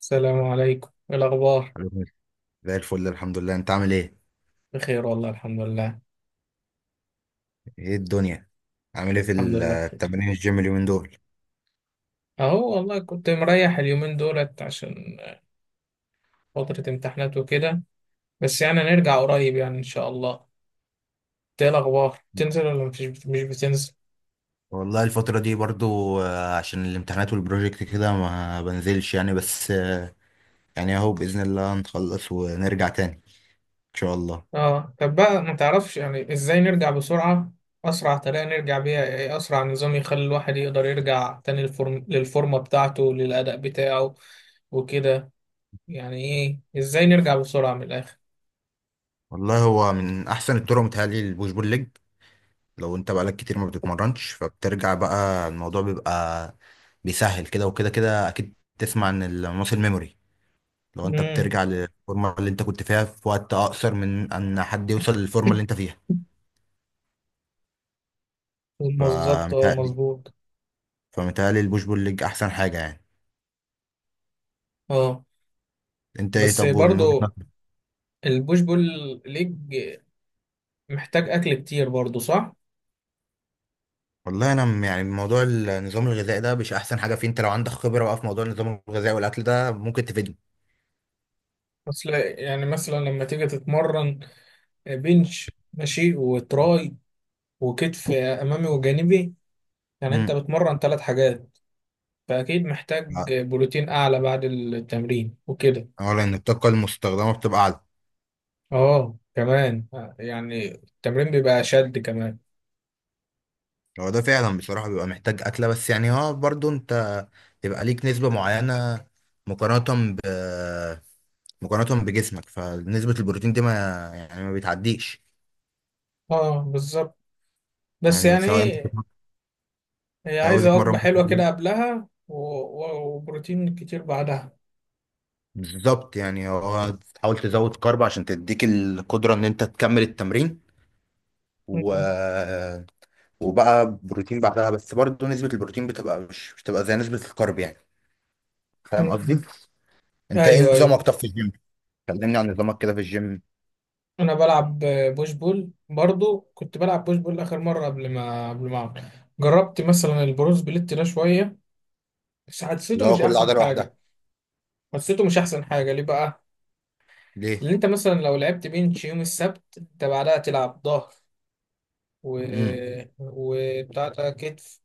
السلام عليكم، إيه الأخبار؟ حبيبي. زي الفل الحمد لله، انت عامل ايه؟ بخير والله الحمد لله. ايه الدنيا؟ عامل ايه في الحمد لله بخير. التمارين الجيم اليومين دول؟ أهو والله كنت مريح اليومين دولت عشان فترة امتحانات وكده. بس يعني هنرجع قريب يعني إن شاء الله. إنت إيه الأخبار؟ بتنزل ولا مفيش؟ مش بتنزل؟ والله الفترة دي برضو عشان الامتحانات والبروجكت كده ما بنزلش يعني. بس يعني اهو بإذن الله نخلص ونرجع تاني ان شاء الله. آه طب بقى ما تعرفش يعني إزاي نرجع بسرعة؟ أسرع طريقة نرجع بيها إيه؟ أسرع نظام يخلي الواحد يقدر يرجع تاني الفورم للفورمة بتاعته، للأداء بتاعه وكده، يعني إيه إزاي نرجع بسرعة من الآخر؟ والله هو من احسن الطرق متهيألي البوش بول ليج. لو انت بقالك كتير ما بتتمرنش فبترجع، بقى الموضوع بيبقى بيسهل كده. وكده كده اكيد تسمع عن الماسل ميموري، لو انت امم، بترجع للفورمه اللي انت كنت فيها في وقت اقصر من ان حد يوصل للفورمه اللي انت فيها. بالظبط اه، فمتهيألي مظبوط. فمتهيألي البوش بول ليج احسن حاجه يعني. اه انت ايه بس طب من وجهه برضو نظرك؟ البوش بول ليج محتاج اكل كتير برضو، صح؟ والله انا يعني موضوع النظام الغذائي ده مش احسن حاجه فيه. انت لو عندك خبره بقى في موضوع النظام الغذائي والاكل ده ممكن تفيدني. اصل يعني مثلا لما تيجي تتمرن بنش ماشي وتراي وكتف امامي وجانبي، يعني انت امم. بتمرن ثلاث حاجات، فاكيد محتاج بروتين اعلى بعد التمرين وكده. اولا ان الطاقه المستخدمه بتبقى اعلى. اه كمان، يعني التمرين بيبقى شد كمان. هو ده فعلا، بصراحه بيبقى محتاج اكله، بس يعني اه برضو انت يبقى ليك نسبه معينه مقارنه ب مقارنة بجسمك، فنسبة البروتين دي ما يعني ما بتعديش. اه بالظبط. بس يعني يعني سواء ايه، هي سواء عايزة وجبة بتتمرن، حلوة كده قبلها وبروتين كتير بعدها. بالظبط، يعني هو تحاول تزود كارب عشان تديك القدرة ان انت تكمل التمرين، و... وبقى بروتين بعدها. بس برضه نسبة البروتين بتبقى مش بتبقى زي نسبة الكارب يعني. فاهم قصدي؟ انت ايوه ايه ايوه. نظامك طب في الجيم؟ كلمني عن نظامك كده في الجيم. انا بلعب بوش بول برضو، كنت بلعب بوش بول اخر مره قبل ما أعمل. جربت مثلا البرو سبليت ده شويه، بس حسيته اللي هو مش كل احسن عضلة لوحدها. حاجه. حسيته مش احسن حاجه ليه بقى؟ ليه؟ اللي انت مثلا لو لعبت بنش يوم السبت انت بعدها تلعب ظهر، و امم. وبتاع ده كتف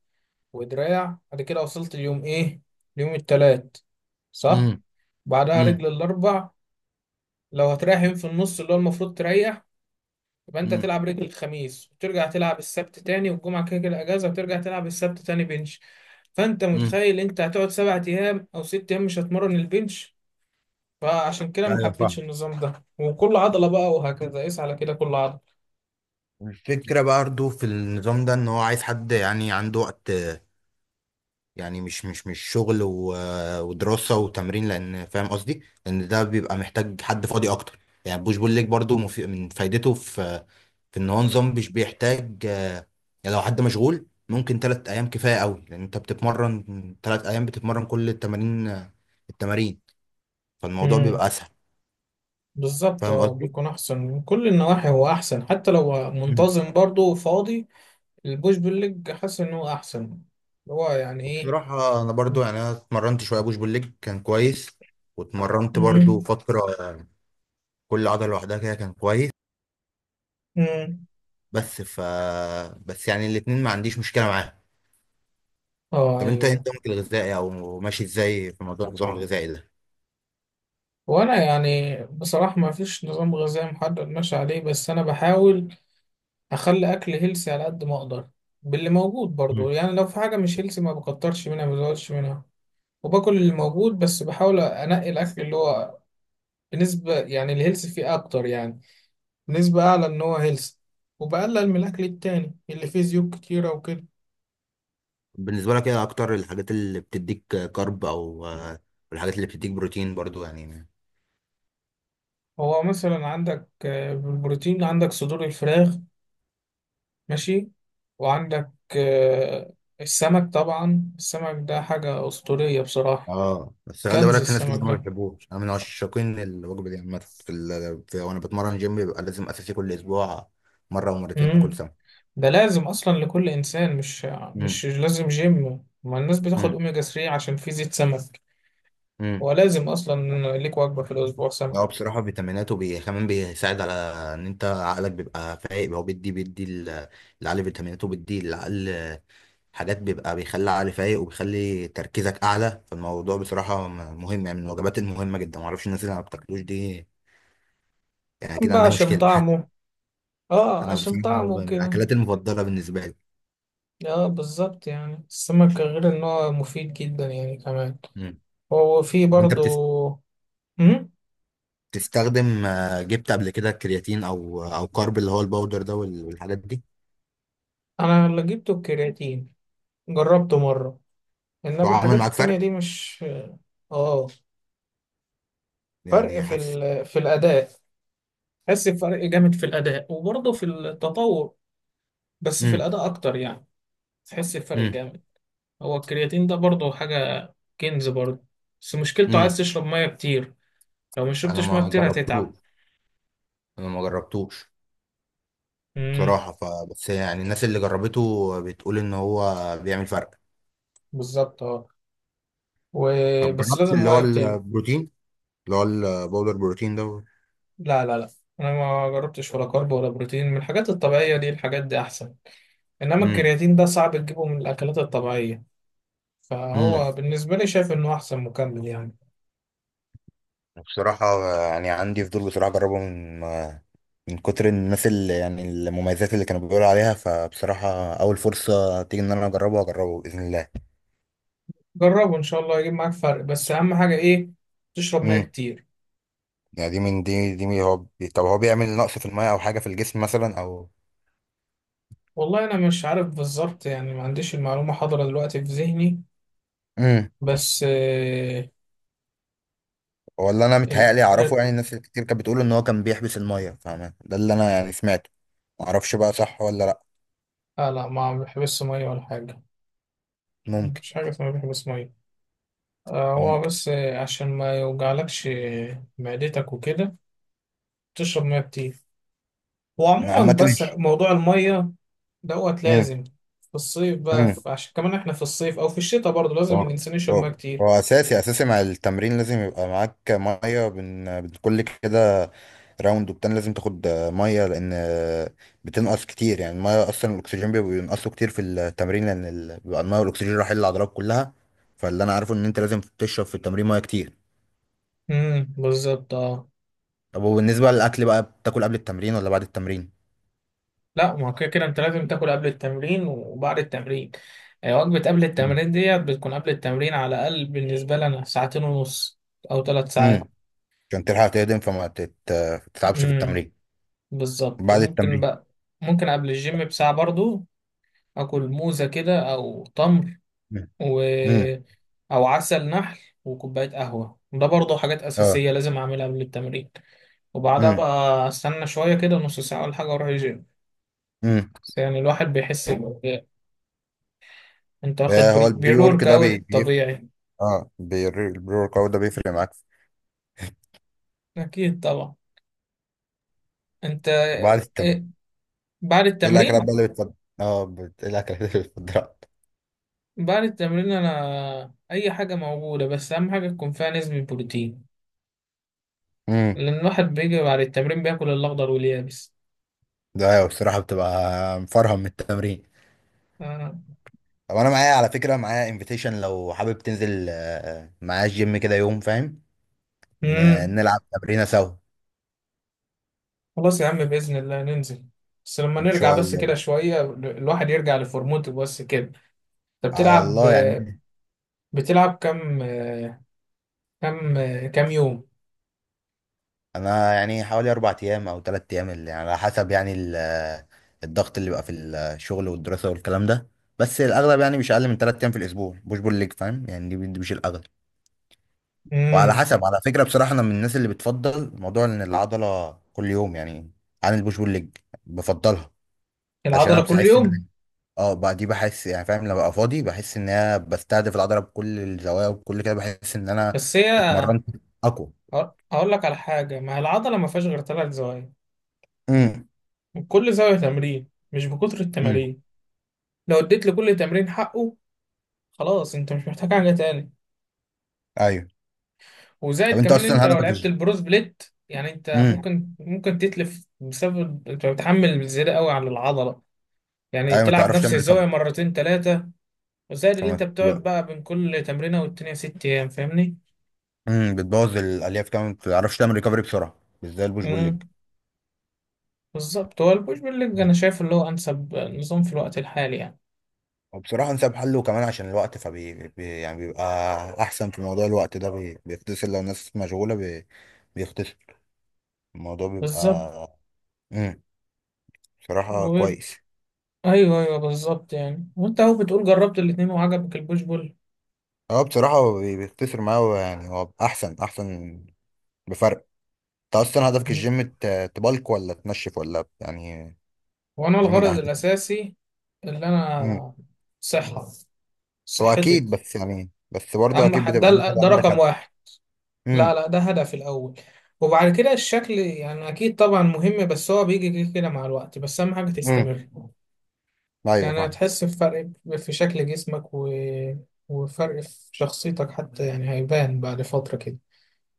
ودراع، بعد كده وصلت اليوم ايه؟ اليوم التلات، صح؟ امم. بعدها امم. رجل الاربع. لو هتريح يوم في النص اللي هو المفروض تريح، يبقى انت تلعب رجل الخميس وترجع تلعب السبت تاني، والجمعة كده كده اجازة، وترجع تلعب السبت تاني بنش. فانت امم. متخيل انت هتقعد سبع ايام او ست ايام مش هتمرن البنش. فعشان كده ما ايوه حبيتش فاهم. النظام ده، وكل عضلة بقى وهكذا، قيس على كده كل عضلة. الفكرة برضه في النظام ده ان هو عايز حد يعني عنده وقت، يعني مش شغل ودراسة وتمرين، لان فاهم قصدي ان ده بيبقى محتاج حد فاضي اكتر. يعني بوش بول ليج برضه من فايدته في في ان هو نظام مش بيحتاج يعني لو حد مشغول ممكن تلات ايام كفاية قوي، لان انت بتتمرن تلات ايام بتتمرن كل التمارين. التمارين فالموضوع امم، بيبقى اسهل. بالظبط فاهم اه، قصدي؟ بيكون احسن من كل النواحي. هو احسن حتى لو منتظم برضه وفاضي. البوش بالليج حاسس ان هو احسن. هو يعني ايه؟ بصراحة أنا برضو، يعني أنا اتمرنت شوية بوش بول ليج كان كويس، واتمرنت برضو امم. فترة كل عضلة لوحدها كده كان كويس. امم. بس ف بس يعني الاتنين ما عنديش مشكلة معاهم. اه طب أنت إيه ايوه. نظامك الغذائي أو ماشي إزاي في موضوع النظام الغذائي ده؟ وانا يعني بصراحة ما فيش نظام غذائي محدد ماشي عليه، بس انا بحاول اخلي اكل هيلسي على قد ما اقدر، باللي موجود برضو. مم. يعني لو في حاجة مش هيلسي ما بكترش منها، ما بزودش منها، وباكل اللي موجود، بس بحاول انقي الاكل اللي هو بنسبة يعني الهيلسي فيه اكتر، يعني نسبة اعلى ان هو هيلسي، وبقلل من الاكل التاني اللي فيه زيوت كتيرة وكده. بالنسبة لك إيه أكتر الحاجات اللي بتديك كارب أو الحاجات اللي بتديك بروتين برضو يعني؟ هو مثلا عندك بالبروتين عندك صدور الفراخ، ماشي، وعندك آه، السمك. طبعا السمك ده حاجة أسطورية بصراحة، اه بس خلي كنز بالك، في ناس كتير السمك ما ده. بتحبوش. أنا من عشاقين الوجبة دي عامة. في وأنا بتمرن جيم بيبقى لازم أساسي كل أسبوع مرة ومرتين كل مم. ده لازم أصلا لكل إنسان، مش سنة. مش لازم جيم. ما الناس بتاخد امم. أوميجا 3 عشان فيه زيت سمك، امم. ولازم أصلا ليك وجبة في الأسبوع هو سمك. بصراحة كمان بيساعد على ان انت عقلك بيبقى فايق. هو بيدي العقل، فيتاميناته بيدي العقل حاجات بيبقى بيخلي العقل فايق وبيخلي تركيزك اعلى. فالموضوع بصراحة مهم يعني، من الوجبات المهمة جدا. معرفش الناس اللي ما بتاكلوش دي، يعني كده بقى عندها عشان مشكلة. طعمه. اه انا عشان بصراحة طعمه من كده. الاكلات المفضلة بالنسبة لي. اه بالظبط، يعني السمك غير ان هو مفيد جدا يعني كمان، امم. هو فيه طب انت برضو. مم؟ بتستخدم جبت قبل كده كرياتين او كارب اللي هو الباودر ده والحاجات دي؟ انا اللي جبته الكرياتين، جربته مرة، انما وعمل الحاجات معاك التانية فرق؟ دي مش. اه، فرق يعني في حاسس؟ في الاداء، تحس بفرق جامد في الاداء، وبرضه في التطور، بس في امم. الاداء اكتر يعني. تحس بفرق جامد. هو الكرياتين ده برضه حاجة كنز برضه، بس مشكلته امم. عايز تشرب مية كتير. لو ما انا شربتش مية ما كتير هتتعب. جربتوش. انا ما جربتوش امم بصراحه. فبس يعني الناس اللي جربته بتقول ان هو بيعمل فرق. بالظبط اه. و... طب بس جربت لازم اللي هو مية كتير. البروتين، اللي هو الباودر بروتين ده؟ لا لا لا، انا ما جربتش ولا كارب ولا بروتين. من الحاجات الطبيعية دي، الحاجات دي احسن، انما امم. الكرياتين ده صعب تجيبه من الاكلات الطبيعية. امم. فهو بالنسبة لي شايف إنه أحسن مكمل يعني. بصراحه يعني عندي فضول بصراحه اجربه، من من كتر الناس اللي يعني المميزات اللي كانوا بيقولوا عليها. فبصراحه اول فرصه تيجي ان انا اجربه اجربه باذن الله. جربه إن شاء الله يجيب معاك فرق، بس أهم حاجة إيه، تشرب مية امم. كتير. يعني دي من دي دي من هو طب هو بيعمل نقص في الميه او حاجه في الجسم مثلا او؟ والله أنا مش عارف بالظبط، يعني ما عنديش المعلومة حاضرة دلوقتي في ذهني، مم. بس آه هو اللي انا ال... متهيألي اعرفه، ال... يعني الناس كتير كانت بتقول ان هو كان بيحبس الميه. فاهم ده اللي انا يعني سمعته. ما اعرفش بقى صح ولا لا. آه لا، ما بيحبسش مية ولا حاجة، ممكن. مفيش حاجة اسمها بيحبس مية. آه هو ممكن. بس آه عشان ما يوجعلكش معدتك وكده تشرب مية كتير. أنا عامه وعموما بس ماشي. موضوع المية دوت امم. لازم. في الصيف بقى امم. عشان كمان احنا في الصيف او في الشتاء برضه لازم هو الانسان يشرب ميه هو- كتير. هو اساسي، اساسي مع التمرين لازم يبقى معاك ميه بين بين كل كده راوند وبتاع، لازم تاخد ميه لان بتنقص كتير يعني الميه. اصلا الاكسجين بيبقى بينقصه كتير في التمرين لان بيبقى الميه والاكسجين رايحين للعضلات كلها. فاللي انا عارفه ان انت لازم تشرب في التمرين ميه كتير. بالظبط اه. طب وبالنسبة للأكل بقى، بتاكل قبل التمرين ولا بعد التمرين؟ لا، ما هو كده كده انت لازم تاكل قبل التمرين وبعد التمرين. وجبة قبل مم. التمرين ديت بتكون قبل التمرين على الأقل بالنسبة لنا ساعتين ونص أو ثلاث مم. ساعات. عشان تلحق تهضم فما تتعبش في امم التمرين. بالظبط. بعد ممكن التمرين. بقى، ممكن قبل الجيم بساعة برضو أكل موزة كده أو تمر مم. و مم. أو عسل نحل وكوباية قهوة، ده برضو حاجات اه. أساسية لازم أعملها قبل التمرين. وبعدها مم. بقى استنى شوية كده نص ساعة ولا حاجة واروح الجيم. مم. بس يعني الواحد بيحس. طب ب- انت واخد آه، هو البري ورك بريورك ده اوت طبيعي؟ اه البري ورك اوت ده بيفرق معاك؟ اكيد طبعا. انت وبعد التمرين إيه بعد ايه الأكلات التمرين؟ بقى اللي بتفضل؟ اه ايه الأكلات اللي بتفضلها؟ بعد التمرين انا اي حاجة موجودة، بس اهم حاجة تكون فيها نسبة بروتين، مم. لان الواحد بيجي بعد التمرين بياكل الاخضر واليابس. ده أيوة بصراحة بتبقى مفرهم من التمرين. آه. طب أنا معايا، على فكرة، معايا انفيتيشن لو حابب تنزل معايا الجيم كده يوم، فاهم؟ ن... امم. نلعب تمرينة سوا. خلاص يا عم بإذن الله ننزل، بس لما ان نرجع شاء بس الله. كده شوية الواحد يرجع لفورمته بس كده. انت على بتلعب، الله يعني. بتلعب كام، كام، كام يوم؟ انا يعني حوالي اربع ايام او ثلاث ايام، اللي يعني على حسب يعني الضغط اللي بقى في الشغل والدراسه والكلام ده. بس الاغلب يعني مش اقل من ثلاث ايام في الاسبوع. مش بقول لك فاهم يعني دي مش الاغلب. وعلى امم. حسب، على فكره بصراحه انا من الناس اللي بتفضل موضوع ان العضله كل يوم يعني، عن البوش بول ليج بفضلها. عشان انا العضله كل بحس ان يوم. اه بقى دي بحس يعني فاهم، لما ببقى فاضي بحس ان انا بستهدف العضله بكل الزوايا وبكل كده، بحس ان انا بس هي، اتمرنت اقوى. هقول لك على حاجه، ما هي العضله ما فيهاش غير ثلاث زوايا، امم. وكل زاويه تمرين، مش بكتر التمارين. لو اديت لكل تمرين حقه خلاص انت مش محتاج حاجه تاني. ايوه. طب وزائد انت كمان ان انت اصلا لو هدفك لعبت إيه؟ البروز بليت يعني انت امم. ممكن، ممكن تتلف بسبب انت بتحمل زياده قوي على العضله، يعني ايوه، ما تلعب تعرفش نفس تعمل الزاويه ريكفري. مرتين ثلاثه. وزائد اللي فما انت بتقعد بتبقى- بقى بين كل تمرينه والتانيه ست ايام، فاهمني؟ امم، بتبوظ الالياف كمان، ما تعرفش تعمل ريكفري بسرعه مش زي البوش بول ليج. بالظبط. هو البوش بول ليج مم. انا شايف اللي هو انسب نظام في الوقت الحالي يعني. وبصراحه انسب حل، وكمان عشان الوقت، فبي بي يعني بيبقى احسن في موضوع الوقت ده. بيختصر لو الناس مشغوله. بيختصر الموضوع بالظبط. بيبقى. امم. بصراحه و... كويس. ايوه ايوه بالظبط. يعني وانت اهو بتقول جربت الاتنين وعجبك البوش بول. اه بصراحه هو بيختصر معاه، هو يعني هو احسن بفرق. انت اصلا هدفك مم. الجيم تبلك ولا تنشف ولا يعني وانا ايه من الغرض اهدافك؟ الاساسي اللي انا، صحه، هو صحتي. اكيد، بس يعني بس برضه اما اكيد حد ده بتبقى انت بقى ده عندك رقم هدف. واحد. لا امم. لا، ده هدف الاول، وبعد كده الشكل يعني اكيد طبعا مهم، بس هو بيجي كده كده مع الوقت، بس اهم حاجه امم. تستمر. ايوه يعني فاهم. هتحس بفرق في شكل جسمك و... وفرق في شخصيتك حتى، يعني هيبان بعد فترة كده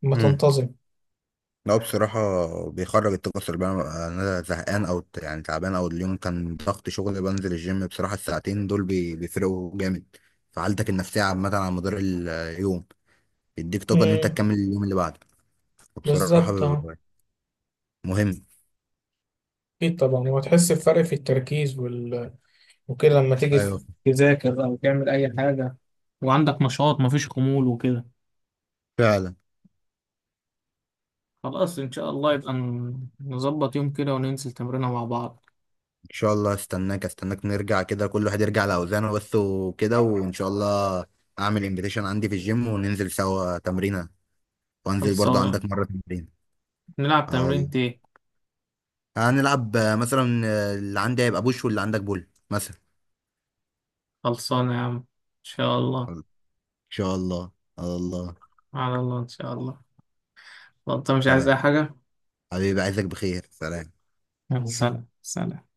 لما امم. تنتظم. لا بصراحة بيخرج الطاقة السلبية، أنا أنا زهقان أو يعني تعبان أو اليوم كان ضغط شغل، بنزل الجيم بصراحة الساعتين دول بيفرقوا جامد في حالتك النفسية عامة على مدار اليوم. بيديك طاقة إن أنت امم تكمل اليوم اللي بعده بصراحة. بالظبط اه. مهم. اكيد طبعا، وهتحس بفرق في التركيز وال... وكده لما تيجي أيوه. تذاكر او تعمل اي حاجة، وعندك نشاط، مفيش خمول وكده. فعلا. خلاص ان شاء الله يبقى نظبط يوم كده وننزل تمرينه مع بعض. ان شاء الله، استناك استناك نرجع كده كل واحد يرجع لاوزانه بس وكده وان شاء الله. اعمل انفيتيشن عندي في الجيم وننزل سوا تمرينه، وانزل برضو خلصانة. عندك مره تمرين. نلعب اه تمرين والله. ايه؟ هنلعب مثلا اللي عندي هيبقى بوش واللي عندك بول مثلا. خلصانة يا عم، ان شاء الله. ان شاء الله. الله. على الله، ان شاء الله. طب انت مش عايز اي سلام. حاجة؟ حبيبي عايزك بخير. سلام. يلا سلام سلام.